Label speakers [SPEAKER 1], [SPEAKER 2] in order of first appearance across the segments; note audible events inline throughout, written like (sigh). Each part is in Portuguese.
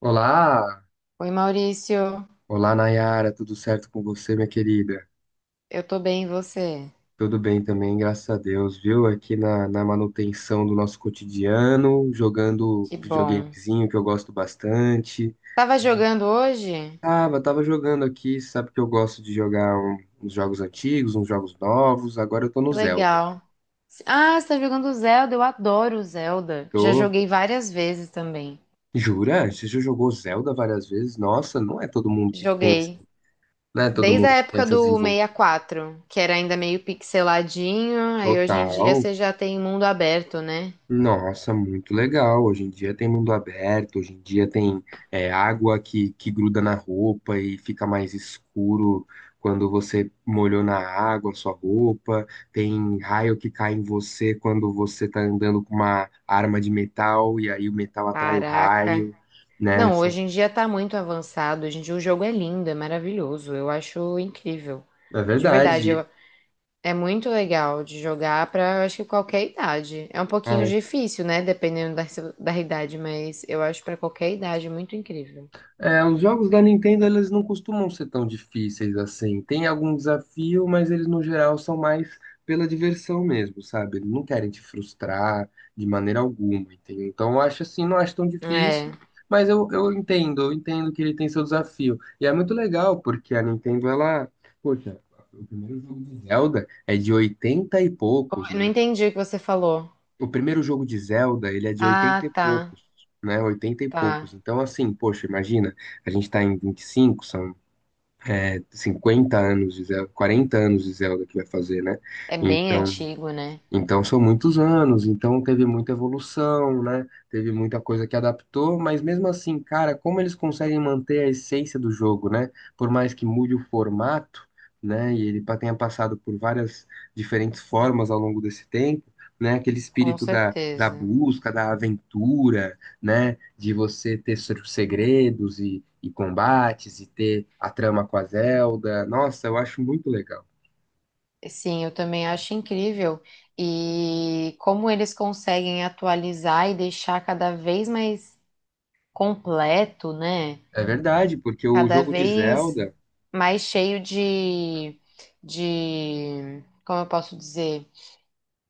[SPEAKER 1] Olá,
[SPEAKER 2] Oi, Maurício.
[SPEAKER 1] olá Nayara, tudo certo com você, minha querida?
[SPEAKER 2] Eu tô bem, e você?
[SPEAKER 1] Tudo bem também, graças a Deus, viu? Aqui na manutenção do nosso cotidiano, jogando
[SPEAKER 2] Que
[SPEAKER 1] um
[SPEAKER 2] bom.
[SPEAKER 1] videogamezinho que eu gosto bastante.
[SPEAKER 2] Tava jogando hoje?
[SPEAKER 1] Tava jogando aqui, sabe que eu gosto de jogar uns jogos antigos, uns jogos novos, agora eu tô no
[SPEAKER 2] Que
[SPEAKER 1] Zelda.
[SPEAKER 2] legal. Ah, você tá jogando Zelda? Eu adoro Zelda. Já
[SPEAKER 1] Tô...
[SPEAKER 2] joguei várias vezes também.
[SPEAKER 1] Jura? Você já jogou Zelda várias vezes? Nossa, não é todo mundo que pensa,
[SPEAKER 2] Joguei.
[SPEAKER 1] não é todo
[SPEAKER 2] Desde
[SPEAKER 1] mundo
[SPEAKER 2] a
[SPEAKER 1] que tem
[SPEAKER 2] época
[SPEAKER 1] essa
[SPEAKER 2] do
[SPEAKER 1] desenvoltura
[SPEAKER 2] 64, que era ainda meio pixeladinho, aí hoje em dia
[SPEAKER 1] total.
[SPEAKER 2] você já tem mundo aberto, né?
[SPEAKER 1] Nossa, muito legal. Hoje em dia tem mundo aberto, hoje em dia tem água que gruda na roupa e fica mais escuro quando você molhou na água a sua roupa, tem raio que cai em você quando você tá andando com uma arma de metal e aí o metal atrai o
[SPEAKER 2] Caraca.
[SPEAKER 1] raio, né?
[SPEAKER 2] Não,
[SPEAKER 1] São-
[SPEAKER 2] hoje em dia tá muito avançado. Hoje em dia o jogo é lindo, é maravilhoso. Eu acho incrível.
[SPEAKER 1] É
[SPEAKER 2] De verdade,
[SPEAKER 1] verdade.
[SPEAKER 2] eu É muito legal de jogar para, acho que qualquer idade. É um pouquinho
[SPEAKER 1] É.
[SPEAKER 2] difícil, né? Dependendo da idade, mas eu acho para qualquer idade muito incrível.
[SPEAKER 1] É, os jogos da Nintendo, eles não costumam ser tão difíceis assim. Tem algum desafio, mas eles no geral são mais pela diversão mesmo, sabe? Eles não querem te frustrar de maneira alguma, entendeu? Então eu acho assim, não acho tão
[SPEAKER 2] É.
[SPEAKER 1] difícil, mas eu entendo, eu entendo que ele tem seu desafio. E é muito legal, porque a Nintendo, ela, poxa, o primeiro jogo de Zelda é de 80 e poucos,
[SPEAKER 2] Eu não
[SPEAKER 1] né?
[SPEAKER 2] entendi o que você falou.
[SPEAKER 1] O primeiro jogo de Zelda, ele é de 80 e
[SPEAKER 2] Ah, tá,
[SPEAKER 1] poucos, né? 80 e
[SPEAKER 2] tá.
[SPEAKER 1] poucos. Então, assim, poxa, imagina, a gente tá em 25, são 50 anos de Zelda, 40 anos de Zelda que vai fazer, né?
[SPEAKER 2] É bem
[SPEAKER 1] Então,
[SPEAKER 2] antigo, né?
[SPEAKER 1] são muitos anos, então teve muita evolução, né? Teve muita coisa que adaptou, mas mesmo assim, cara, como eles conseguem manter a essência do jogo, né? Por mais que mude o formato, né? E ele tenha passado por várias diferentes formas ao longo desse tempo, né? Aquele
[SPEAKER 2] Com
[SPEAKER 1] espírito da, da
[SPEAKER 2] certeza.
[SPEAKER 1] busca, da aventura, né? De você ter segredos e combates e ter a trama com a Zelda. Nossa, eu acho muito legal.
[SPEAKER 2] Sim, eu também acho incrível. E como eles conseguem atualizar e deixar cada vez mais completo, né?
[SPEAKER 1] É verdade, porque o
[SPEAKER 2] Cada
[SPEAKER 1] jogo de
[SPEAKER 2] vez
[SPEAKER 1] Zelda.
[SPEAKER 2] mais cheio de, como eu posso dizer,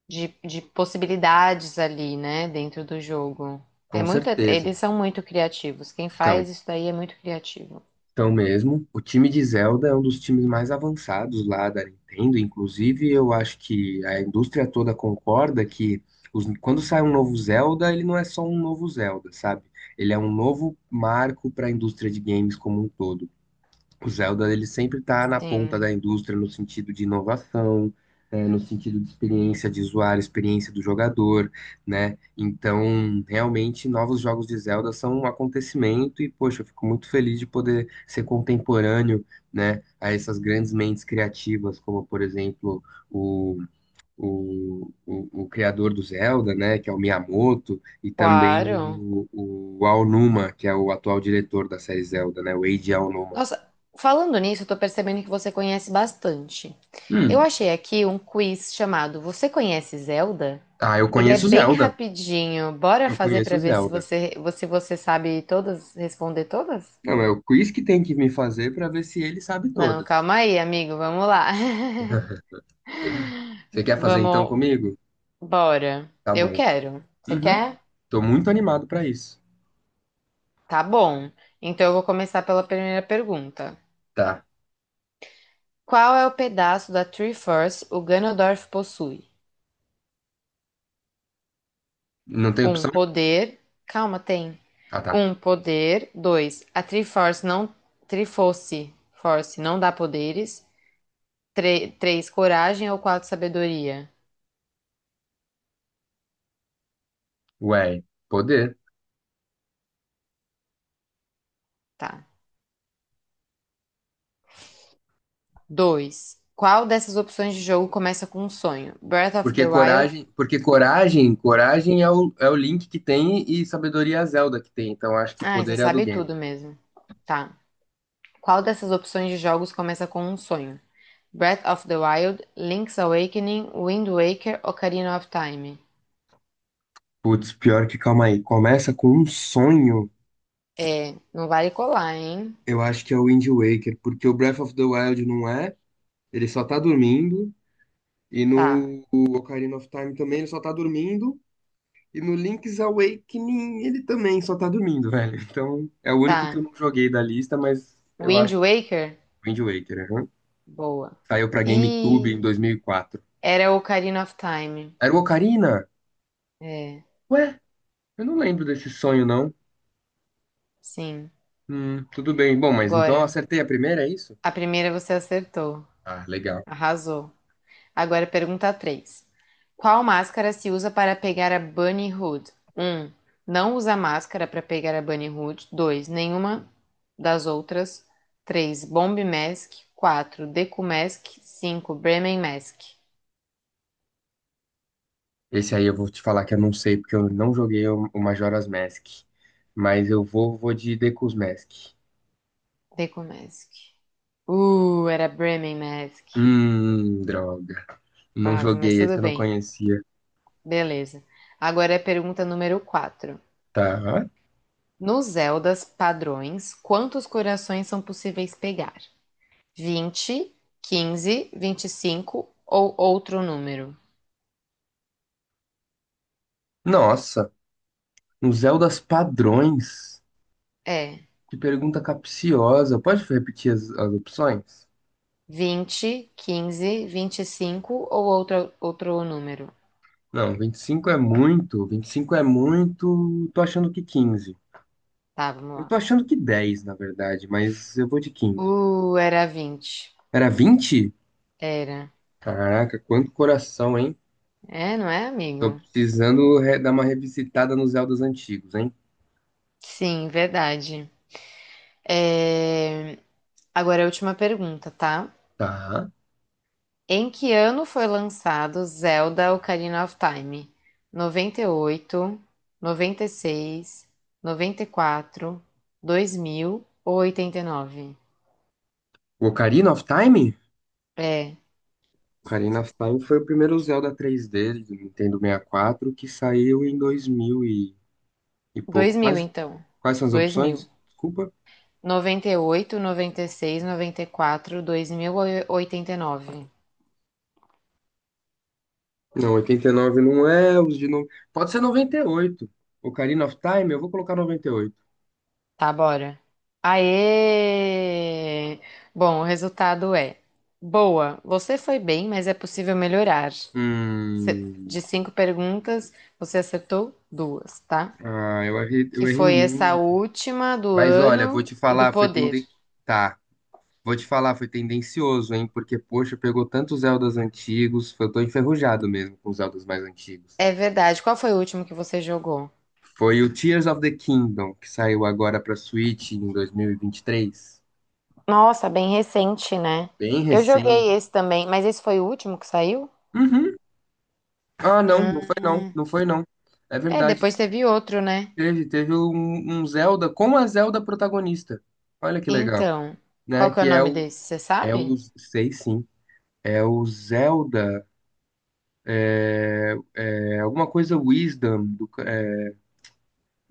[SPEAKER 2] de possibilidades ali, né, dentro do jogo. É
[SPEAKER 1] Com
[SPEAKER 2] muito,
[SPEAKER 1] certeza.
[SPEAKER 2] eles são muito criativos. Quem
[SPEAKER 1] Então,
[SPEAKER 2] faz isso daí é muito criativo.
[SPEAKER 1] mesmo, o time de Zelda é um dos times mais avançados lá da Nintendo. Inclusive, eu acho que a indústria toda concorda que quando sai um novo Zelda, ele não é só um novo Zelda, sabe? Ele é um novo marco para a indústria de games como um todo. O Zelda ele sempre está na ponta
[SPEAKER 2] Sim,
[SPEAKER 1] da indústria no sentido de inovação, é, no sentido de experiência de usuário, experiência do jogador, né? Então, realmente, novos jogos de Zelda são um acontecimento e, poxa, eu fico muito feliz de poder ser contemporâneo, né, a essas grandes mentes criativas, como, por exemplo, o, o criador do Zelda, né, que é o Miyamoto, e também
[SPEAKER 2] claro.
[SPEAKER 1] o Aonuma, que é o atual diretor da série Zelda, né, o Eiji Aonuma.
[SPEAKER 2] Nossa, falando nisso, eu tô percebendo que você conhece bastante. Eu achei aqui um quiz chamado Você conhece Zelda?
[SPEAKER 1] Ah, eu
[SPEAKER 2] Ele é
[SPEAKER 1] conheço
[SPEAKER 2] bem
[SPEAKER 1] Zelda.
[SPEAKER 2] rapidinho. Bora
[SPEAKER 1] Eu
[SPEAKER 2] fazer
[SPEAKER 1] conheço
[SPEAKER 2] pra ver se
[SPEAKER 1] Zelda.
[SPEAKER 2] você, se você sabe todas, responder todas?
[SPEAKER 1] Não, é o quiz que tem que me fazer pra ver se ele sabe
[SPEAKER 2] Não,
[SPEAKER 1] todas.
[SPEAKER 2] calma aí, amigo. Vamos lá. (laughs)
[SPEAKER 1] Você quer fazer então
[SPEAKER 2] Vamos,
[SPEAKER 1] comigo?
[SPEAKER 2] bora.
[SPEAKER 1] Tá
[SPEAKER 2] Eu
[SPEAKER 1] bom.
[SPEAKER 2] quero. Você
[SPEAKER 1] Uhum.
[SPEAKER 2] quer?
[SPEAKER 1] Tô muito animado pra isso.
[SPEAKER 2] Tá bom. Então eu vou começar pela primeira pergunta.
[SPEAKER 1] Tá.
[SPEAKER 2] Qual é o pedaço da Triforce o Ganondorf possui?
[SPEAKER 1] Não tem
[SPEAKER 2] Um
[SPEAKER 1] opção?
[SPEAKER 2] poder. Calma, tem.
[SPEAKER 1] Ah, tá.
[SPEAKER 2] Um poder. Dois. A Triforce não. Triforce. Force não dá poderes. Três. Coragem ou quatro. Sabedoria.
[SPEAKER 1] Ué, poder.
[SPEAKER 2] Tá. Dois. Qual dessas opções de jogo começa com um sonho? Breath of the Wild.
[SPEAKER 1] Porque coragem, coragem é o Link que tem e sabedoria é a Zelda que tem. Então acho que
[SPEAKER 2] Ai, você
[SPEAKER 1] poder é a do
[SPEAKER 2] sabe
[SPEAKER 1] Ganon.
[SPEAKER 2] tudo mesmo. Tá. Qual dessas opções de jogos começa com um sonho? Breath of the Wild, Link's Awakening, Wind Waker, Ocarina of Time.
[SPEAKER 1] Putz, pior que calma aí. Começa com um sonho.
[SPEAKER 2] É, não vale colar, hein?
[SPEAKER 1] Eu acho que é o Wind Waker, porque o Breath of the Wild não é. Ele só tá dormindo. E
[SPEAKER 2] Tá,
[SPEAKER 1] no Ocarina of Time também ele só tá dormindo. E no Link's Awakening ele também só tá dormindo, velho. Então é o único que eu
[SPEAKER 2] tá.
[SPEAKER 1] não joguei da lista, mas eu
[SPEAKER 2] Wind
[SPEAKER 1] acho que
[SPEAKER 2] Waker?
[SPEAKER 1] é o Wind Waker. Aham.
[SPEAKER 2] Boa.
[SPEAKER 1] Saiu pra GameCube em
[SPEAKER 2] E
[SPEAKER 1] 2004.
[SPEAKER 2] era Ocarina of Time.
[SPEAKER 1] Era o Ocarina?
[SPEAKER 2] É,
[SPEAKER 1] Ué, eu não lembro desse sonho, não.
[SPEAKER 2] sim.
[SPEAKER 1] Tudo bem. Bom, mas então eu
[SPEAKER 2] Agora,
[SPEAKER 1] acertei a primeira, é isso?
[SPEAKER 2] a primeira você acertou.
[SPEAKER 1] Ah, legal.
[SPEAKER 2] Arrasou. Agora pergunta 3: qual máscara se usa para pegar a Bunny Hood? Um, não usa máscara para pegar a Bunny Hood. 2, nenhuma das outras. 3, Bomb Mask. 4, Deku Mask. 5, Bremen Mask.
[SPEAKER 1] Esse aí eu vou te falar que eu não sei, porque eu não joguei o Majora's Mask. Mas eu vou de Deku's Mask.
[SPEAKER 2] Deku Mask. Era Bremen Mask.
[SPEAKER 1] Droga. Não
[SPEAKER 2] Quase, mas
[SPEAKER 1] joguei esse,
[SPEAKER 2] tudo
[SPEAKER 1] eu não
[SPEAKER 2] bem.
[SPEAKER 1] conhecia.
[SPEAKER 2] Beleza. Agora é a pergunta número 4.
[SPEAKER 1] Tá.
[SPEAKER 2] Nos Zeldas padrões, quantos corações são possíveis pegar? 20, 15, 25 ou outro número.
[SPEAKER 1] Nossa, um Zeldas padrões.
[SPEAKER 2] É,
[SPEAKER 1] Que pergunta capciosa. Pode repetir as opções?
[SPEAKER 2] 20, 15, vinte e cinco ou outro número.
[SPEAKER 1] Não, 25 é muito. 25 é muito. Tô achando que 15.
[SPEAKER 2] Tá, vamos
[SPEAKER 1] Eu
[SPEAKER 2] lá.
[SPEAKER 1] tô achando que 10, na verdade, mas eu vou de 15.
[SPEAKER 2] Era 20.
[SPEAKER 1] Era 20?
[SPEAKER 2] Era.
[SPEAKER 1] Caraca, quanto coração, hein?
[SPEAKER 2] É, não é,
[SPEAKER 1] Tô
[SPEAKER 2] amigo?
[SPEAKER 1] precisando dar uma revisitada nos Zeldas antigos, hein?
[SPEAKER 2] Sim, verdade. É, agora é a última pergunta, tá?
[SPEAKER 1] Tá.
[SPEAKER 2] Em que ano foi lançado Zelda Ocarina of Time? 98, 96, 94, 2000 ou 89?
[SPEAKER 1] O Ocarina of Time?
[SPEAKER 2] É,
[SPEAKER 1] Ocarina of Time foi o primeiro Zelda 3D do Nintendo 64 que saiu em 2000 e pouco.
[SPEAKER 2] 2000 então.
[SPEAKER 1] Quais são as
[SPEAKER 2] 2000.
[SPEAKER 1] opções? Desculpa.
[SPEAKER 2] 98, 96, 94, 2000 ou 89.
[SPEAKER 1] Não, 89 não é, os de no... Pode ser 98. Ocarina of Time, eu vou colocar 98.
[SPEAKER 2] Tá, bora. Aê! Bom, o resultado é: boa, você foi bem, mas é possível melhorar. cê-
[SPEAKER 1] Hum,
[SPEAKER 2] de cinco perguntas, você acertou duas, tá?
[SPEAKER 1] ah,
[SPEAKER 2] Que
[SPEAKER 1] eu errei
[SPEAKER 2] foi essa
[SPEAKER 1] muito.
[SPEAKER 2] última do
[SPEAKER 1] Mas olha, vou
[SPEAKER 2] ano
[SPEAKER 1] te
[SPEAKER 2] e do
[SPEAKER 1] falar,
[SPEAKER 2] poder.
[SPEAKER 1] Tá, vou te falar, foi tendencioso, hein? Porque, poxa, pegou tantos Zeldas antigos, eu tô enferrujado mesmo com os Zeldas mais antigos.
[SPEAKER 2] É verdade. Qual foi o último que você jogou?
[SPEAKER 1] Foi o Tears of the Kingdom, que saiu agora pra Switch em 2023.
[SPEAKER 2] Nossa, bem recente, né?
[SPEAKER 1] Bem
[SPEAKER 2] Eu
[SPEAKER 1] recente.
[SPEAKER 2] joguei esse também, mas esse foi o último que saiu?
[SPEAKER 1] Uhum. Ah, não, não foi
[SPEAKER 2] Hum,
[SPEAKER 1] não, não foi não. É
[SPEAKER 2] é,
[SPEAKER 1] verdade,
[SPEAKER 2] depois teve outro, né?
[SPEAKER 1] teve um Zelda com a Zelda protagonista. Olha que legal,
[SPEAKER 2] Então, qual
[SPEAKER 1] né?
[SPEAKER 2] que é o
[SPEAKER 1] Que é
[SPEAKER 2] nome desse? Você sabe?
[SPEAKER 1] sei sim, é o Zelda, é alguma coisa Wisdom,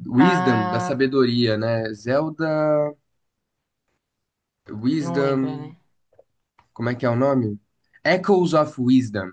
[SPEAKER 1] Wisdom da
[SPEAKER 2] Ah,
[SPEAKER 1] sabedoria, né? Zelda
[SPEAKER 2] não lembra,
[SPEAKER 1] Wisdom,
[SPEAKER 2] né?
[SPEAKER 1] como é que é o nome? Echoes of Wisdom,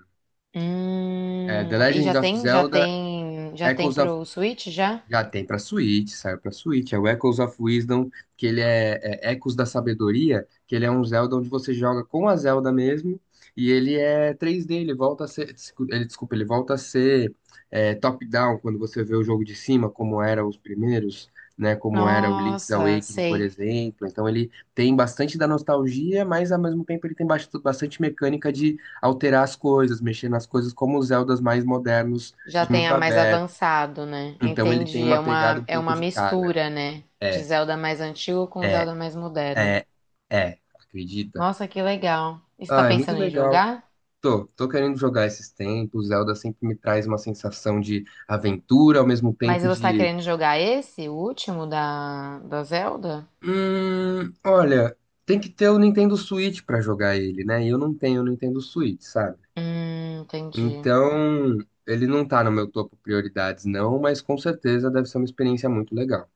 [SPEAKER 1] é, The
[SPEAKER 2] E
[SPEAKER 1] Legend
[SPEAKER 2] já
[SPEAKER 1] of
[SPEAKER 2] tem, já
[SPEAKER 1] Zelda,
[SPEAKER 2] tem, já tem
[SPEAKER 1] Echoes of
[SPEAKER 2] pro Switch já?
[SPEAKER 1] Já tem pra Switch, saiu pra Switch. É o Echoes of Wisdom, que ele é, é Ecos da Sabedoria, que ele é um Zelda onde você joga com a Zelda mesmo, e ele é 3D, ele volta a ser, desculpa, ele volta a ser top-down, quando você vê o jogo de cima, como era os primeiros, né, como era o Link's
[SPEAKER 2] Nossa,
[SPEAKER 1] Awakening, por
[SPEAKER 2] sei.
[SPEAKER 1] exemplo. Então ele tem bastante da nostalgia, mas ao mesmo tempo ele tem bastante mecânica de alterar as coisas, mexer nas coisas como os Zeldas mais modernos
[SPEAKER 2] Já
[SPEAKER 1] de mundo
[SPEAKER 2] tenha mais
[SPEAKER 1] aberto
[SPEAKER 2] avançado, né?
[SPEAKER 1] então ele tem
[SPEAKER 2] Entendi.
[SPEAKER 1] uma
[SPEAKER 2] É
[SPEAKER 1] pegada
[SPEAKER 2] uma,
[SPEAKER 1] um
[SPEAKER 2] é
[SPEAKER 1] pouco
[SPEAKER 2] uma
[SPEAKER 1] de cada.
[SPEAKER 2] mistura, né? De
[SPEAKER 1] É,
[SPEAKER 2] Zelda mais antigo com
[SPEAKER 1] é,
[SPEAKER 2] Zelda mais moderno.
[SPEAKER 1] é, é. Acredita?
[SPEAKER 2] Nossa, que legal. E você tá
[SPEAKER 1] Ah, é muito
[SPEAKER 2] pensando em
[SPEAKER 1] legal.
[SPEAKER 2] jogar?
[SPEAKER 1] Tô querendo jogar esses tempos. Zelda sempre me traz uma sensação de aventura, ao mesmo
[SPEAKER 2] Mas
[SPEAKER 1] tempo
[SPEAKER 2] você tá
[SPEAKER 1] de.
[SPEAKER 2] querendo jogar esse, o último da Zelda?
[SPEAKER 1] Olha, tem que ter o Nintendo Switch pra jogar ele, né? E eu não tenho o Nintendo Switch, sabe?
[SPEAKER 2] Entendi.
[SPEAKER 1] Então, ele não tá no meu topo prioridades, não, mas com certeza deve ser uma experiência muito legal.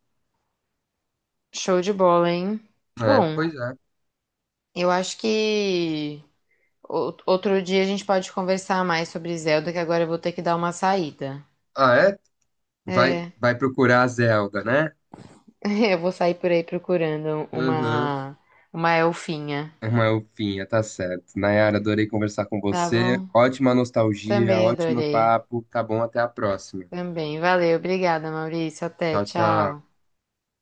[SPEAKER 2] Show de bola, hein?
[SPEAKER 1] É,
[SPEAKER 2] Bom,
[SPEAKER 1] pois é.
[SPEAKER 2] eu acho que outro dia a gente pode conversar mais sobre Zelda, que agora eu vou ter que dar uma saída.
[SPEAKER 1] Ah, é? Vai,
[SPEAKER 2] É,
[SPEAKER 1] vai procurar a Zelda, né?
[SPEAKER 2] (laughs) eu vou sair por aí procurando
[SPEAKER 1] Uhum.
[SPEAKER 2] uma elfinha.
[SPEAKER 1] Uma ufinha tá certo. Nayara, adorei conversar com
[SPEAKER 2] Tá
[SPEAKER 1] você.
[SPEAKER 2] bom?
[SPEAKER 1] Ótima nostalgia,
[SPEAKER 2] Também
[SPEAKER 1] ótimo
[SPEAKER 2] adorei.
[SPEAKER 1] papo. Tá bom, até a próxima.
[SPEAKER 2] Também. Valeu, obrigada, Maurício. Até,
[SPEAKER 1] Tchau, tchau.
[SPEAKER 2] tchau.